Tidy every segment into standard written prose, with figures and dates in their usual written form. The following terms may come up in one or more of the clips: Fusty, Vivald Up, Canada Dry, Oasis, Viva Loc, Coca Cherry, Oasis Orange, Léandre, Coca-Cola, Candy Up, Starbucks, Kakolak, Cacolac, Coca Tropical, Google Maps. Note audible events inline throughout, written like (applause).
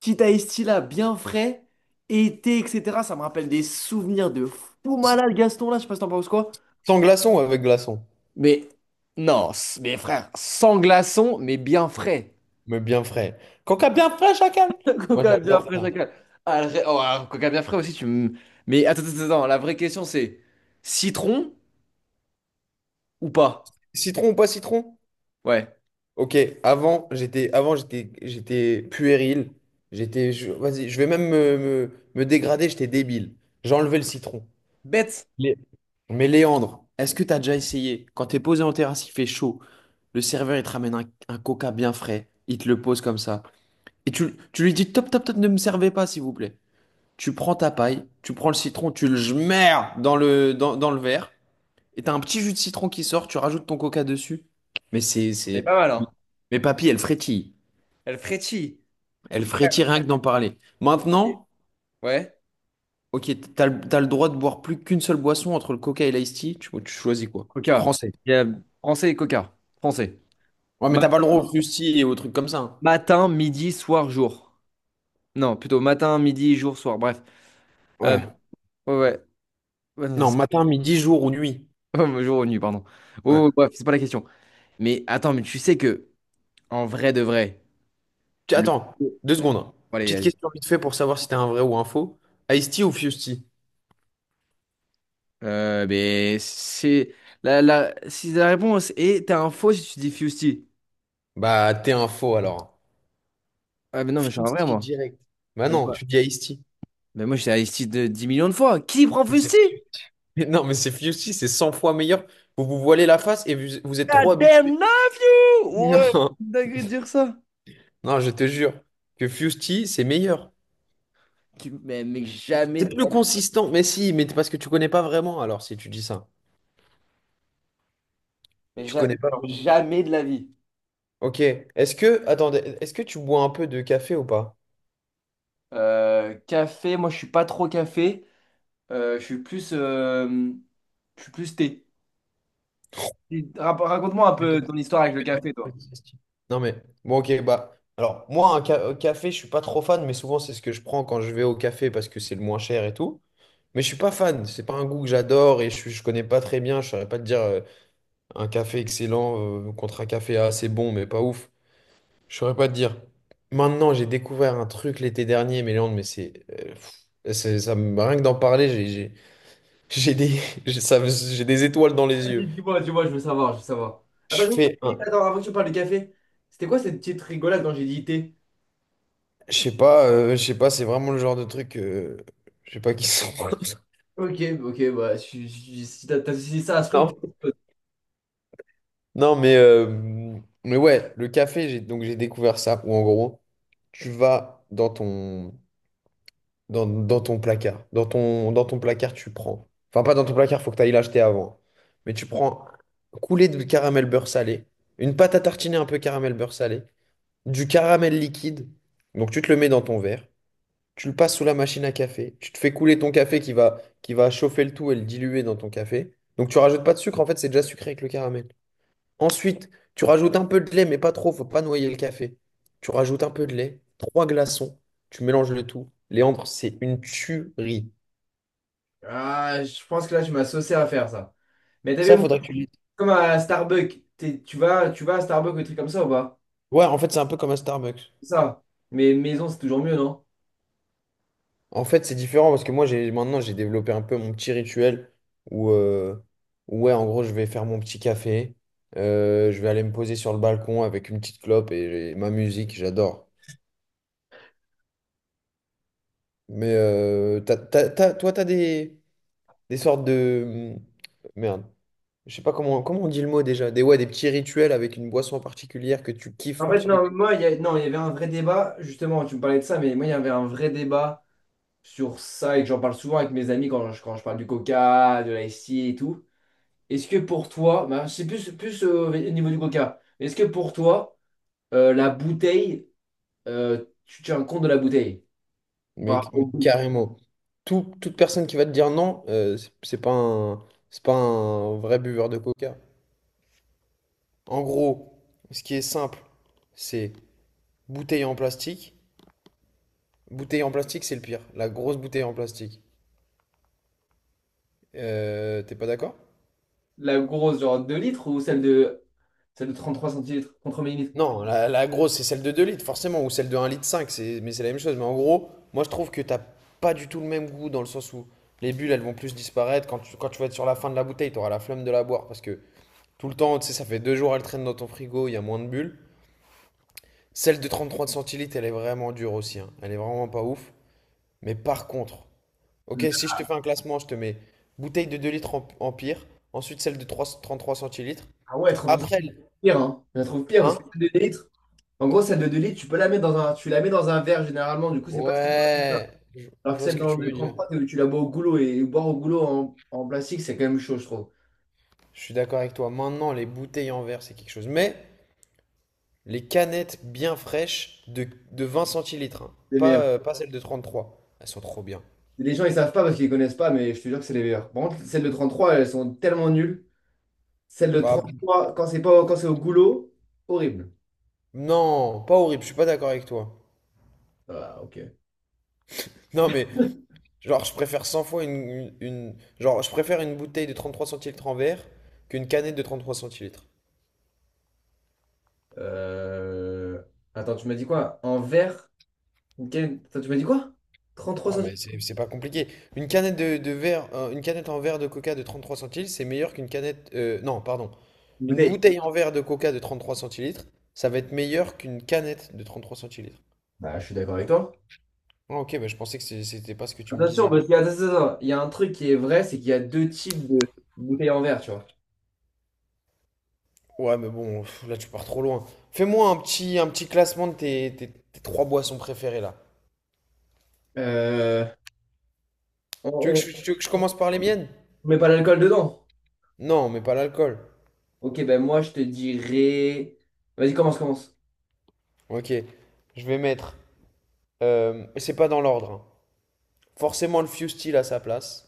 Petit iced tea là, bien frais, été, etc. Ça me rappelle des souvenirs de fou malade, Gaston, là, je sais pas si t'en penses quoi. Sans glaçon ou avec glaçon, Mais non, mais frère, sans glaçon, mais bien frais. mais bien frais. Coca bien frais, chacal. (laughs) Moi, Coca bien j'adore frais, ça. chacal. Ah, oh, ah, coca bien frais aussi, tu me. Mais attends, attends, attends, la vraie question c'est citron ou pas? Citron ou pas citron? Ouais. Ok, avant, j'étais puéril. J'étais vas-y, je vais même me dégrader, j'étais débile. J'enlevais le citron. Bête, Lé- Mais Léandre, est-ce que t'as déjà essayé? Quand t'es posé en terrasse, il fait chaud. Le serveur, il te ramène un coca bien frais. Il te le pose comme ça. Et tu lui dis, top, top, top, ne me servez pas, s'il vous plaît. Tu prends ta paille, tu prends le citron, tu le jmères dans le verre, et t'as un petit jus de citron qui sort, tu rajoutes ton coca dessus. Mais c'est, elle est c'est... pas mal, hein. Mais papy, elle frétille. Elle frétille. Elle Mais frère, frétille rien que d'en parler. et- Maintenant, ouais. ok, t'as le droit de boire plus qu'une seule boisson entre le coca et l'ice-tea, tu choisis quoi? Coca. Français. Il y a français et coca. Français. Ouais, mais Matin, t'as pas le droit au fruity et aux trucs comme ça, hein. matin, midi, soir, jour. Non, plutôt matin, midi, jour, soir, bref. Euh, Ouais. ouais, ouais, ouais, non, c'est Non, ça. matin, midi, jour ou nuit. (laughs) Ouais, jour ou nuit, pardon. Ouais. Oh, oh, bref, c'est pas la question. Mais attends, mais tu sais que, en vrai de vrai, le. Attends, 2 secondes. Petite Allez, question vite fait pour savoir si t'es un vrai ou un faux. Ice-tea ou Fusty? Mais c'est. Si la réponse est, t'as un faux si tu dis Fusty. Bah, t'es un faux alors. Ah, mais non, mais je suis un vrai, Fusty moi. direct. Bah Mais non, moi, tu dis Ice-T. mais moi, j'étais à Isti de 10 millions de fois. Qui prend Mais Fusty? (laughs) mais non, mais c'est Fusty, c'est 100 fois meilleur. Vous vous voilez la face et vous, vous êtes trop God habitué. damn love you! (laughs) Non, Ouais, dingue de dire ça. non, je te jure que Fusty, c'est meilleur. Mais jamais, C'est plus consistant. Mais si, mais parce que tu connais pas vraiment, alors si tu dis ça. mais Tu ja- connais pas genre vraiment. jamais de la vie. Ok. Attendez, est-ce que tu bois un peu de café ou pas? Café, moi je suis pas trop café. Euh, je suis plus, euh, je suis plus thé. Raconte-moi un Mais t'as- peu ton histoire avec le café, t'as- toi. Non, mais bon, ok, bah. Alors, moi, un café, je suis pas trop fan, mais souvent, c'est ce que je prends quand je vais au café parce que c'est le moins cher et tout. Mais je suis pas fan, c'est pas un goût que j'adore et je connais pas très bien. Je saurais pas te dire un café excellent contre un café assez bon, mais pas ouf. Je saurais pas te dire. Maintenant, j'ai découvert un truc l'été dernier, Méléandre, mais c'est. Rien que d'en parler, j'ai des, (laughs) j'ai des étoiles dans les yeux. Vas-y, dis-moi, dis-moi, je veux savoir, je veux savoir. Je Attends, fais un. attends, avant que tu parles du café, c'était quoi cette petite rigolade quand j'ai dit thé? Je sais pas, c'est vraiment le genre de truc. Je sais pas qui sont. (laughs) Ok, ok, bah, si t'as associé ça à Spring, Non, mais ouais, le café, j'ai découvert ça, où en gros, tu vas dans ton placard. Dans ton placard, tu prends. Enfin, pas dans ton placard, faut que tu ailles l'acheter avant. Mais tu prends coulée de caramel beurre salé, une pâte à tartiner un peu caramel beurre salé, du caramel liquide. Donc tu te le mets dans ton verre, tu le passes sous la machine à café, tu te fais couler ton café qui va chauffer le tout et le diluer dans ton café. Donc tu rajoutes pas de sucre, en fait, c'est déjà sucré avec le caramel. Ensuite, tu rajoutes un peu de lait, mais pas trop, faut pas noyer le café. Tu rajoutes un peu de lait, trois glaçons, tu mélanges le tout. Léandre, c'est une tuerie. ah, je pense que là, je m'associais à faire ça. Mais t'as vu, Ça, moi, faudrait que tu lises. comme à Starbucks, tu vas à Starbucks ou des trucs comme ça ou pas? Ouais, en fait, c'est un peu comme un Starbucks. C'est ça. Mais maison, c'est toujours mieux, non? En fait, c'est différent parce que moi, j'ai développé un peu mon petit rituel où, ouais, en gros, je vais faire mon petit café, je vais aller me poser sur le balcon avec une petite clope et ma musique, j'adore. Mais toi, t'as des sortes de... Merde. Je sais pas comment on dit le mot déjà. Ouais, des petits rituels avec une boisson particulière que tu kiffes En fait, non, particulièrement. moi, non, il y avait un vrai débat, justement, tu me parlais de ça, mais moi, il y avait un vrai débat sur ça et que j'en parle souvent avec mes amis quand je parle du coca, de l'IC et tout. Est-ce que pour toi, bah, c'est plus au niveau du coca, est-ce que pour toi, la bouteille, tu tiens compte de la bouteille par Mais, rapport mais au goût? carrément. Toute personne qui va te dire non, c'est pas un vrai buveur de coca. En gros, ce qui est simple, c'est bouteille en plastique. Bouteille en plastique, c'est le pire. La grosse bouteille en plastique. T'es pas d'accord? La grosse, genre 2 litres ou celle de 33 centilitres, contre millilitres? Non, la grosse, c'est celle de 2 litres, forcément, ou celle de 1,5 litres, mais c'est la même chose. Mais en gros, moi, je trouve que t'as pas du tout le même goût dans le sens où les bulles, elles vont plus disparaître. Quand tu vas être sur la fin de la bouteille, t'auras la flemme de la boire parce que tout le temps, tu sais, ça fait 2 jours, elle traîne dans ton frigo, il y a moins de bulles. Celle de 33 centilitres, elle est vraiment dure aussi, hein. Elle est vraiment pas ouf. Mais par contre, ok, si je te fais un classement, je te mets bouteille de 2 litres en pire, ensuite celle de 33 centilitres. Ah ouais, 33 Après, centilitres, pire, hein. Je la trouve pire parce que hein? celle de 2 litres. En gros, celle de 2 litres, tu peux la mettre dans un, tu la mets dans un verre généralement, du coup, c'est pas si grave. Ouais, je Alors que vois ce celle que dans tu le veux dire. 33, c'est où tu la bois au goulot et boire au goulot en plastique, c'est quand même chaud, je trouve. Je suis d'accord avec toi. Maintenant, les bouteilles en verre, c'est quelque chose. Mais les canettes bien fraîches de 20 centilitres, hein. C'est les Pas, meilleurs. euh, pas celles de 33. Elles sont trop bien. Les gens, ils savent pas parce qu'ils connaissent pas, mais je te jure que c'est les meilleurs. Par contre, celles de 33, elles sont tellement nulles. Celles de Bah, 33, quand c'est pas, quand c'est au goulot, horrible. non, pas horrible, je suis pas d'accord avec toi. Ah, ok. Non, mais genre, je préfère 100 fois une, genre, je préfère une bouteille de 33 centilitres en verre qu'une canette de 33 centilitres. Euh, Attends, tu m'as dit quoi? En verre? Attends, tu m'as dit quoi? 33 Ouais, mais centilitres? c'est pas compliqué. Une canette une canette en verre de coca de 33 centilitres, c'est meilleur qu'une canette. Non, pardon. Une Une bouteille. bouteille en verre de coca de 33 centilitres, ça va être meilleur qu'une canette de 33 centilitres. Bah, je suis d'accord avec toi. Ah, ok, bah, je pensais que c'était pas ce que tu me Bien sûr, disais. parce qu'il y a, attends, attends, attends, il y a un truc qui est vrai, c'est qu'il y a deux types de bouteilles en verre, tu vois. Ouais, mais bon, pff, là tu pars trop loin. Fais-moi un petit classement de tes trois boissons préférées là. Euh, Tu veux que je, on, tu veux que je commence par les miennes? on met pas l'alcool dedans. Non, mais pas l'alcool. Ok, ben moi je te dirais. Vas-y, commence, commence. Ok, je vais mettre. C'est pas dans l'ordre, hein. Forcément le Fusty à sa place.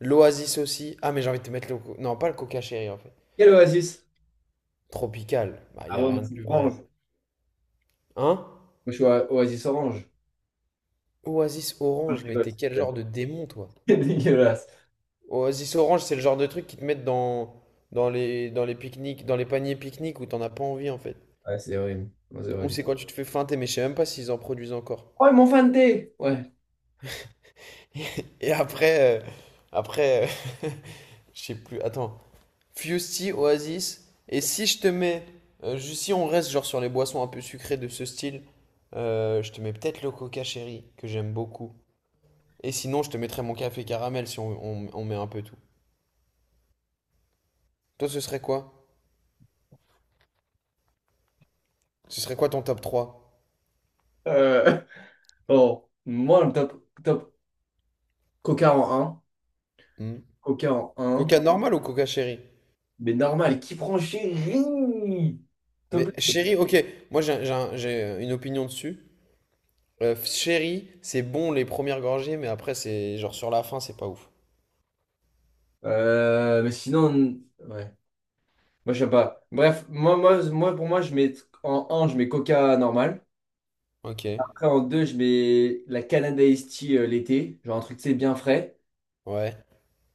L'Oasis aussi. Ah, mais j'ai envie de te mettre Non, pas le Coca Cherry en fait. Quel oasis? Tropical. Bah, y Ah a ouais, moi rien de c'est plus vrai. orange. Moi Hein? je suis oasis orange. Oasis Ah, je Orange, mais rigole, t'es quel c'est genre (laughs) de démon, toi? c'est dégueulasse. Oasis Orange, c'est le genre de truc qui te mettent dans les pique-niques, dans les paniers pique-niques où t'en as pas envie en fait. Ouais, c'est horrible. Ouais, c'est Ou horrible. c'est quand tu te fais feinter, mais je sais même pas s'ils en produisent encore. Oh, ils m'ont fanté! Ouais. Et après. Après. euh, (laughs) Je sais plus. Attends. Fusty, Oasis. Et si je te mets, si on reste genre sur les boissons un peu sucrées de ce style, je te mets peut-être le coca chéri, que j'aime beaucoup. Et sinon, je te mettrais mon café caramel si on met un peu tout. Toi, ce serait quoi? Ce serait quoi ton top trois? Euh, (laughs) bon, moi le top, top. Coca en un. Hmm. Coca en un. Coca normal ou coca chéri? Mais normal, qui prend chéri? Mais chéri, ok, moi j'ai une opinion dessus. Chéri, c'est bon les premières gorgées, mais après, c'est genre sur la fin, c'est pas ouf. Mais sinon, ouais. Moi, j'aime pas. Bref, pour moi, je mets en un, je mets Coca normal. Ok, Après, en 2 je mets la Canada Iced Tea l'été. Genre un truc, tu sais, bien frais. ouais.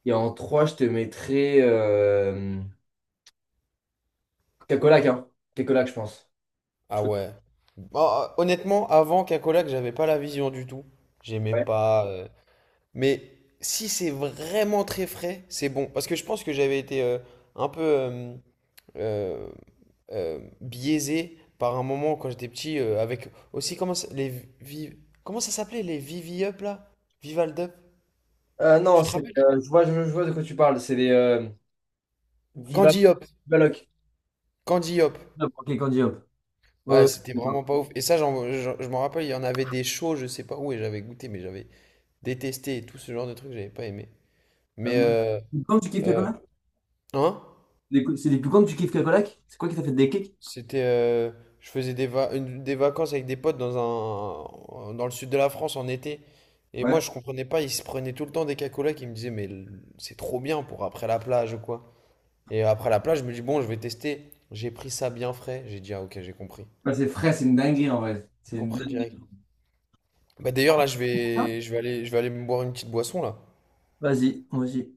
Et en 3 je te mettrais Coca-Cola, hein. Coca-Cola, je pense. Je Ah crois. ouais. Bah, honnêtement, avant Kakolak, j'avais pas la vision du tout. J'aimais Ouais. pas. Mais si c'est vraiment très frais, c'est bon. Parce que je pense que j'avais été un peu euh, biaisé par un moment quand j'étais petit avec aussi comment ça, les vi- comment ça s'appelait les Vivi Up là? Vivald Up? Non, Tu te c'est, rappelles? Je vois, je vois de quoi tu parles. C'est les Viva, Candy Up. Viva Loc. Candy Up. Hop, Ok, Candy Hop. Ouais, ouais, Ouais, ouais, c'était d'accord. vraiment pas ouf. Et ça, je m'en rappelle, il y en avait des shows, je sais pas où, et j'avais goûté, mais j'avais détesté et tout ce genre de trucs, j'avais pas aimé. Euh, Mais moi- Quand tu kiffes Euh, Cacolac? hein? Les C'est des plus grands tu kiffes Cacolac? C'est quoi qui t'a fait des kicks? C'était, euh, je faisais des vacances avec des potes dans le sud de la France en été. Et moi, je comprenais pas, ils se prenaient tout le temps des cacolacs. Ils me disaient, mais c'est trop bien pour après la plage ou quoi. Et après la plage, je me dis, bon, je vais tester. J'ai pris ça bien frais. J'ai dit, ah ok, j'ai compris. Ouais, c'est frais, c'est une dinguerie en vrai. J'ai C'est une compris dinguerie. direct. Bah d'ailleurs, là, je vais aller me boire une petite boisson, là. Vas-y, vas-y.